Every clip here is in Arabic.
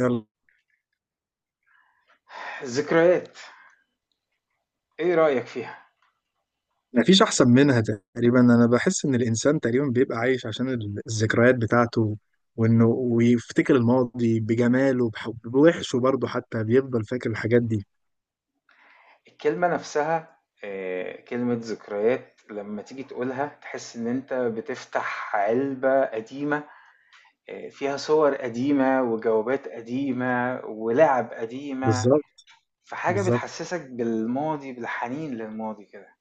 يلا. الذكريات، ايه رأيك فيها؟ مفيش أحسن منها. تقريبا أنا بحس إن الإنسان تقريبا بيبقى عايش عشان الذكريات بتاعته. وإنه ويفتكر الماضي بجماله، بوحشه برضه، حتى بيفضل فاكر الحاجات دي. الكلمة نفسها. كلمة ذكريات لما تيجي تقولها تحس ان انت بتفتح علبة قديمة. فيها صور قديمة وجوابات قديمة ولعب قديمة. بالظبط. فحاجة بالظبط. بتحسسك بالماضي، بالحنين للماضي كده.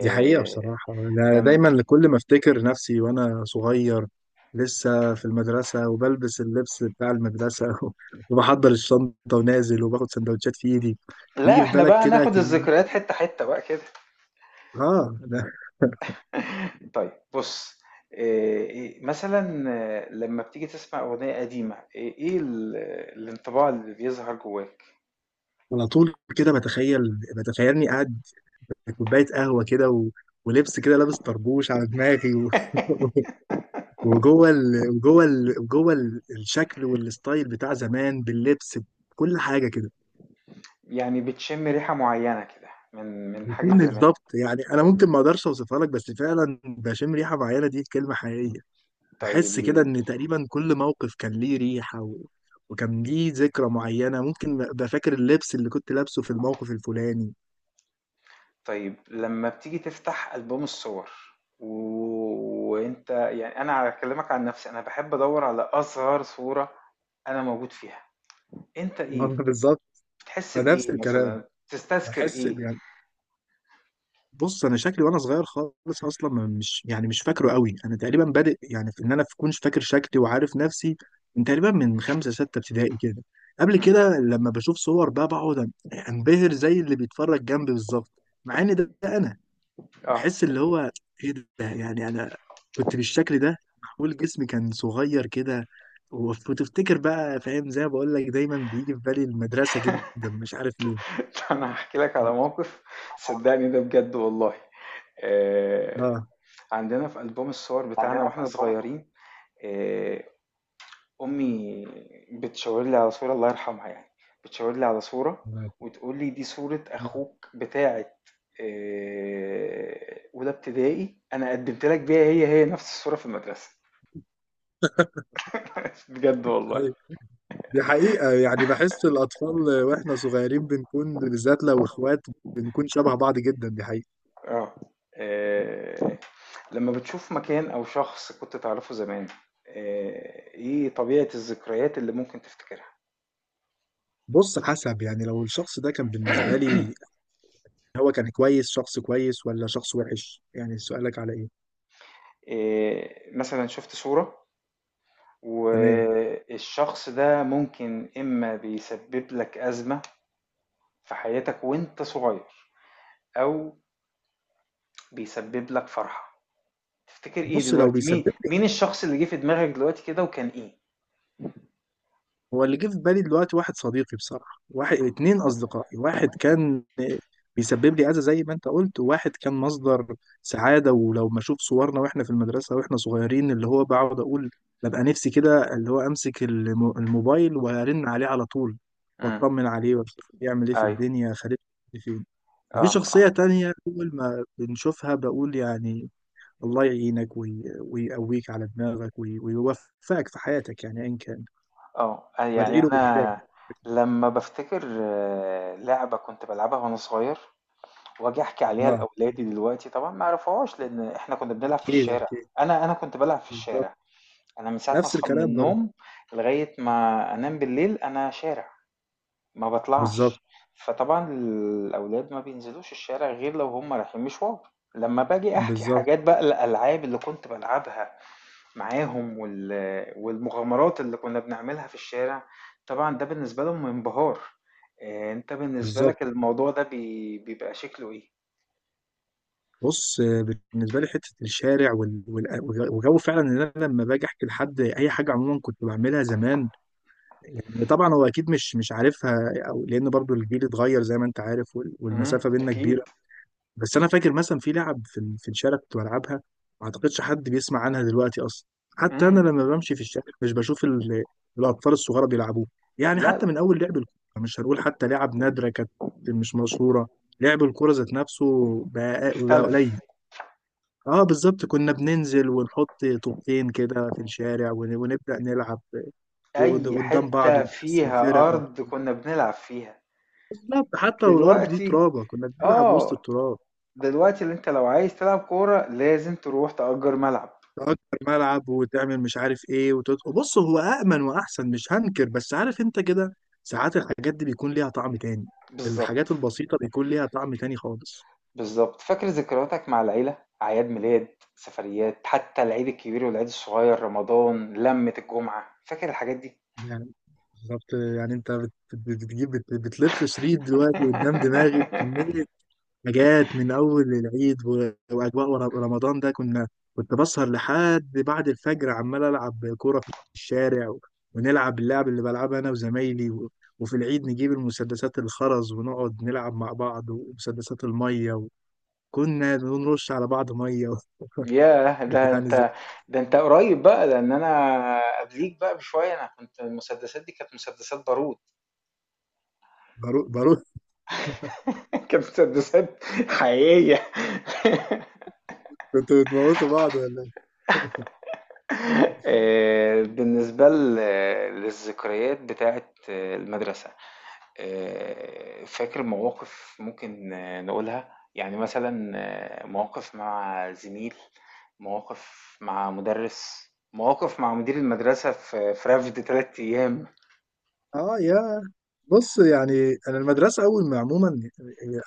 دي حقيقة بصراحة، أنا لم دايما كل ما أفتكر نفسي وأنا صغير لسه في المدرسة وبلبس اللبس بتاع المدرسة وبحضر الشنطة ونازل وباخد سندوتشات في إيدي. لا، يجي في احنا بالك بقى كده ناخد الذكريات كمية. حتة حتة بقى كده. آه أنا. طيب، بُص، آآ إ مثلًا لمّا بتيجي تسمع أغنية قديمة، إيه ال الانطباع اللي بيظهر جواك؟ على طول كده بتخيل. بتخيلني قاعد كوبايه قهوه كده، ولبس كده لابس طربوش على دماغي وجوه الشكل والستايل بتاع زمان باللبس، بكل حاجه كده. يعني بتشم ريحة معيّنة كده من حاجة بشم زمان، الضبط، يعني انا ممكن ما اقدرش اوصفها لك، بس فعلا بشم ريحه معينه، دي كلمه حقيقيه. طيب. بحس كده ان تقريبا كل موقف كان ليه ريحه، و... وكان ليه ذكرى معينه. ممكن ابقى فاكر اللبس اللي كنت لابسه في الموقف الفلاني. طيب، لمّا بتيجي تفتح ألبوم الصور وأنت يعني، أنا هاكلمك عن نفسي، أنا باحب أدوّر على أصغر صورة أنا موجود فيها. أنت إيه، بالظبط. بتحس نفس بإيه الكلام. مثلًا، بتستذكر بحس. إيه؟ بص انا شكلي وانا صغير خالص اصلا، مش يعني مش فاكره قوي. انا تقريبا بادئ يعني في ان انا اكونش فاكر شكلي وعارف نفسي من تقريبا من خمسه سته ابتدائي كده. قبل إمم. كده لما بشوف صور بقى بقعد انبهر زي اللي بيتفرج جنبي بالظبط، مع ان ده انا. آه. بحس اللي هو ايه ده، يعني انا كنت بالشكل ده. معمول جسمي كان صغير كده. وتفتكر بقى. فاهم زي ما بقول لك دايما بيجي في بالي المدرسه جدا، مش عارف ليه. أنا هاحكي لك على موقف، صدّقني ده بجد والله. آآ اه. عندنا في ألبوم الصور بتاعنا عندنا في وإحنا ألبوم. صغيرين، آآ أمي بتشاور لي على صورة- الله يرحمها يعني- بتشاور لي على صورة وتقول لي: "دي صورة أخوك بتاعة أولى ابتدائي، أنا قدّمت لك بيها هي، هي نفس الصورة في المدرسة." بجد والله. أيوة. دي حقيقة، يعني بحس الأطفال وإحنا صغيرين بنكون، بالذات لو إخوات، بنكون شبه بعض جدا. دي حقيقة. آه. آه، لما بتشوف مكان أو شخص كنت تعرفه زمان، إيه طبيعة الذكريات اللي ممكن تفتكرها؟ بص حسب، يعني لو الشخص ده كان بالنسبة لي، هو كان كويس، شخص كويس ولا شخص وحش؟ يعني سؤالك على إيه؟ مثلا شفت صورة تمام. والشخص ده ممكن إما بيسبب لك أزمة في حياتك وأنت صغير، أو بيسبب لك فرحة. تفتكر إيه بص لو دلوقتي؟ بيسبب. مين الشخص اللي جه في دماغك دلوقتي كده وكان إيه؟ هو اللي جه في بالي دلوقتي واحد صديقي، بصراحة واحد اتنين أصدقائي، واحد كان بيسبب لي أذى زي ما أنت قلت، وواحد كان مصدر سعادة. ولو ما أشوف صورنا وإحنا في المدرسة وإحنا صغيرين، اللي هو بقعد أقول ببقى نفسي كده، اللي هو أمسك الموبايل وأرن عليه على طول، امم. وأطمن عليه وأشوف بيعمل إيه في أيوه. الدنيا. خالد فين؟ وفي آه. شخصية آه. تانية أول ما بنشوفها بقول يعني الله يعينك، ويقويك على دماغك، ويوفقك في حياتك، يعني أيا كان. آه، أ يعني وأدعي له بالهداية. أنا لمّا بافتكر لعبة كنت بالعبها وأنا صغير، وآجي أحكي عليها اه. لأولادي دلوقتي طبعًا ما يعرفوهاش، لإن إحنا كنا بنلعب في اكيد الشارع. اكيد. أنا كنت بالعب في بالظبط. الشارع، أنا من ساعة ما نفس أصحى من الكلام برضه. النوم لغاية ما أنام بالليل أنا شارع، ما بالظبط. باطلعش، فطبعًا الأولاد ما بينزلوش الشارع غير لو هُم رايحين مشوار. لمّا باجي أحكي بالظبط. حاجات بقى، الألعاب اللي كنت بالعبها معاهم، والمغامرات اللي كنا بنعملها في الشارع، طبعًا ده بالنسبة لهم انبهار. أنت بالنسبة بالظبط. لك الموضوع ده بيبقى شكله إيه؟ بص. بالنسبه لي حته الشارع، وجو، فعلا ان انا لما باجي احكي لحد اي حاجه عموما كنت بعملها زمان، يعني طبعا هو اكيد مش عارفها، او لان برضو الجيل اتغير زي ما انت عارف، إمم. والمسافه بينا كبيره. أكيد. بس انا فاكر مثلا في لعب في الشارع كنت بلعبها، ما اعتقدش حد بيسمع عنها دلوقتي اصلا. حتى إمم. انا لما بمشي في الشارع مش بشوف الاطفال الصغار بيلعبوه. يعني لأ. حتى من اول لعب الكوره، مش هنقول حتى لعب نادره كانت، مش مشهوره. لعب الكوره ذات نفسه بقى اختلف. قليل. اه بالظبط. كنا بننزل ونحط طوبتين كده في الشارع ونبدا نلعب أي قدام بعض حتة ونقسم فرق. فيها و- أرض كنا بنلعب فيها. بالظبط حتى لو الارض دي دلوقتي ترابه كنا بنلعب وسط آه، التراب. دلوقتي اللي أنت لو عايز تلعب كورة لازم تروح تأجر ملعب. تأجر ملعب وتعمل مش عارف ايه، بص هو أأمن وأحسن، مش هنكر، بس عارف انت كده ساعات الحاجات دي بيكون ليها طعم تاني. بالضبط. الحاجات البسيطة بيكون ليها طعم تاني خالص. بالضبط، فاكر ذكرياتك مع العيلة؟ أعياد ميلاد، سفريات، حتى العيد الكبير والعيد الصغير، رمضان، لمة الجمعة، فاكر الحاجات دي؟ يعني بالظبط، يعني انت بتلف شريط دلوقتي قدام دماغي كمية حاجات. من أول العيد وأجواء رمضان، ده كنا. كنت بسهر لحد بعد الفجر عمال ألعب كورة في الشارع، و- ونلعب اللعب اللي بلعبها أنا وزمايلي، و- وفي العيد نجيب المسدسات الخرز ونقعد نلعب مع بعض ومسدسات المية، وكنا بنرش على بعض مية و- ياه! ده يعني زي. أنت ده أنت قريب بقى، لأن أنا قبليك بقى بشوية، أنا كنت المسدسات دي كانت مسدسات بارود. باروت. كانت مسدسات حقيقية. كنتوا بتموتوا بعض. بالنسبة للذكريات بتاعت المدرسة، فاكر مواقف ممكن نقولها؟ يعني مثلًا مواقف مع زميل، مواقف مع مُدرِّس، مواقف مع مدير المدرسة في رفد 3 أيام. اه. يا. بص، يعني انا المدرسه اول ما عموما،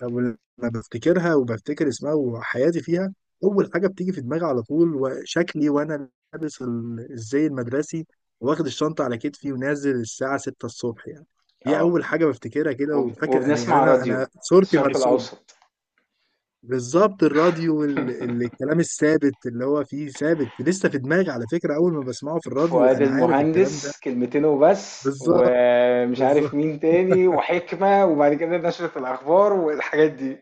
اول ما بفتكرها وبفتكر اسمها وحياتي فيها، اول حاجه بتيجي في دماغي على طول، وشكلي وانا لابس الزي المدرسي واخد الشنطه على كتفي ونازل الساعه 6 الصبح يعني. دي آه، اول حاجه بفتكرها كده. وب وفاكر انا يعني وبنسمع انا راديو انا صورتي الشرق مرسوم. الأوسط، بالظبط، الراديو والكلام الثابت اللي هو فيه ثابت لسه في دماغي، على فكره اول ما بسمعه في الراديو فؤاد انا عارف الكلام ده. المهندس كلمتين وبس، بالظبط. ومش بالظبط. عارف مين تاني، وحكمة، وبعد كده نشرة الأخبار والحاجات دي.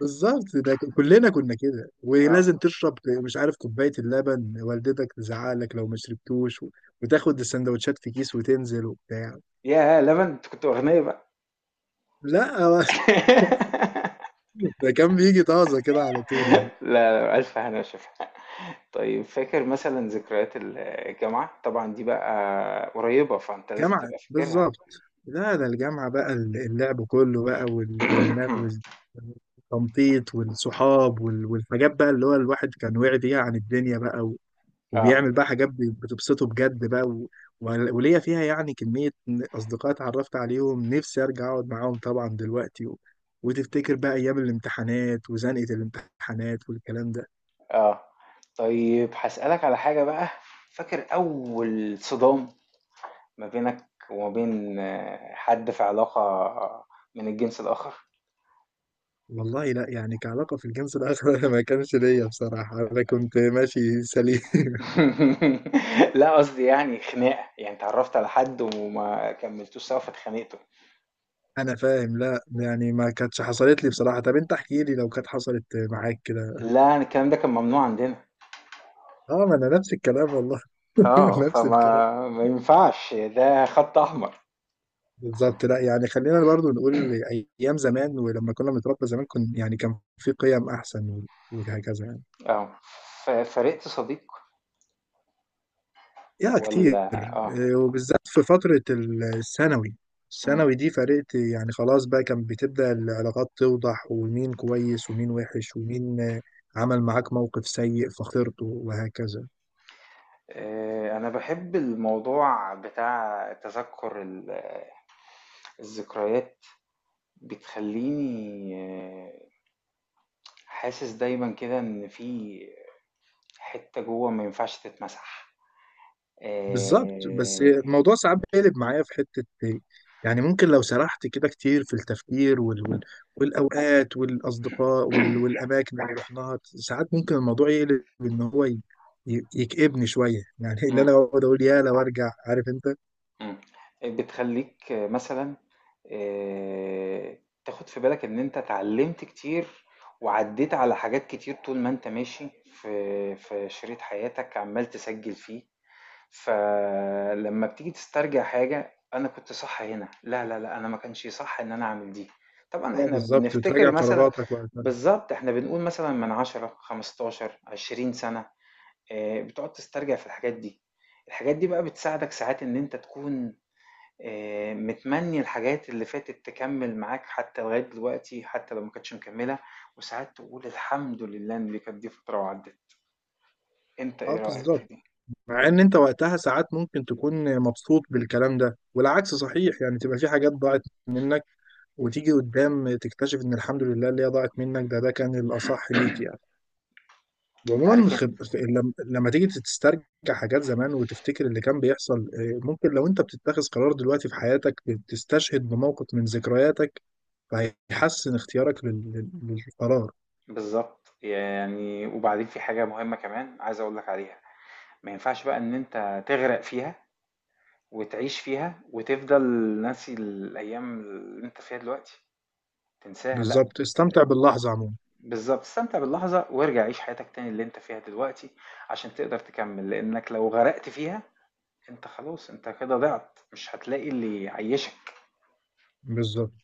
بالظبط. ده كلنا كنا كده، آه. ولازم تشرب مش عارف كوباية اللبن، والدتك تزعلك لو ما شربتوش، و- وتاخد السندوتشات في كيس وتنزل وبتاع. ياه! لمن أنتِ كنتم أغنيا بقى. لا هو ده كان بيجي طازة كده على طول يعني. لا، لا، ألف هنا وشفا. طيب، فاكر مثلا ذكريات الجامعة؟ طبعا دي بقى قريبة فانت لازم جامعة تبقى فاكرها. بالظبط. لا ده الجامعة بقى، اللعب كله بقى، والتنطيط والصحاب، وال- والحاجات بقى اللي هو الواحد كان واعي بيها عن الدنيا بقى، اه. وبيعمل بقى حاجات بتبسطه بجد بقى. و... و- وليا فيها يعني كمية أصدقاء اتعرفت عليهم نفسي أرجع أقعد معاهم طبعا دلوقتي. و... وتفتكر بقى أيام الامتحانات وزنقة الامتحانات والكلام ده. اه. طيب هسألك على حاجة بقى، فاكر أول صدام ما بينك وما بين حد في علاقة من الجنس الآخر؟ والله لا يعني، كعلاقة في الجنس الآخر أنا ما كانش ليا بصراحة، أنا كنت ماشي سليم. لا، قصدي يعني خناقة، يعني تعرفت على حد وما كملتوش سوا فاتخانقتوا. أنا فاهم. لا يعني ما كانتش حصلت لي بصراحة. طب أنت احكي لي لو كانت حصلت معاك كده. لا، الكلام ده كان ممنوع عندنا. أه، ما أنا نفس الكلام والله. اه، نفس الكلام. فما ما ينفعش، ده خط أحمر. بالظبط. لا يعني، خلينا برضو نقول ايام زمان، ولما كنا بنتربى زمان، كن يعني كان في قيم احسن، و- وهكذا يعني. اه، فرقت صديق يا كتير. ولا؟ اه. وبالذات في فترة الثانوي. مم. الثانوي دي فرقت، يعني خلاص بقى كان بتبدأ العلاقات توضح، ومين كويس ومين وحش، ومين عمل معاك موقف سيء فخسرته وهكذا. انا بحب الموضوع بتاع تذكر الذكريات، بتخليني حاسس دايما كده ان في حتة جوه ما ينفعش تتمسح. بالظبط. بس آه. الموضوع ساعات بيقلب معايا في حتة يعني ممكن لو سرحت كده كتير في التفكير، والأوقات والأصدقاء، والأماكن اللي رحناها، ساعات ممكن الموضوع يقلب إن هو يكئبني شوية. يعني اللي مم. أنا بقعد أقول، يا لو أرجع، عارف أنت؟ إمم. بتخلّيك مثلًا آآ تاخُد في بالك إن أنت اتعلّمت كتير، وعدّيت على حاجات كتير طول ما أنت ماشي في شريط حياتك عمّال تسجّل فيه. فلمّا بتيجي تسترجع حاجة أنا كنت صح هنا، لا، لا، لأ أنا ما كانش صح إن أنا أعمل دي. طبعًا اه إحنا بالظبط، بنفتكر وتراجع مثلًا، قراراتك وقتها. بالضبط، إحنا بنقول مثلًا من 10، 15، 20 سَنة، بتقعد تسترجع في الحاجات دي. الحاجات دي بقى بتساعدك ساعات إن أنت تكون متمنّي الحاجات اللي فاتت تكمّل معاك حتى لغاية دلوقتي، حتى لو ما كانتش مكمّلة، وساعات تقول الحمد لله إن دي كانت دي فترة وعدّت. أنت اه إيه رأيك في بالظبط. دي؟ مع إن أنت وقتها ساعات ممكن تكون مبسوط بالكلام ده، والعكس صحيح، يعني تبقى في حاجات ضاعت منك، وتيجي قدام تكتشف ان الحمد لله اللي هي ضاعت منك، ده كان الاصح ليك يعني. أنت وعموما، عارف أن خب... لم- لما تيجي تسترجع حاجات زمان وتفتكر اللي كان بيحصل، ممكن لو انت بتتخذ قرار دلوقتي في حياتك، تستشهد بموقف من ذكرياتك فهيحسن اختيارك للقرار. بالضبط، يعني وبعدين في حاجة مهمة كمان عايز أقول لك عليها، ما ينفعش بقى إن أنت تغرق فيها وتعيش فيها وتفضل ناسي الأيام اللي أنت فيها دلوقتي، تنساها لأ. بالظبط، استمتع باللحظة عموما. بالضبط، استمتع باللحظة وارجع عيش حياتك تاني اللي أنت فيها دلوقتي عشان تقدر تكمّل، لإنّك لو غرقت فيها أنت خلاص أنت كده ضِعت، مش هتلاقي اللي يعيّشك. بالظبط.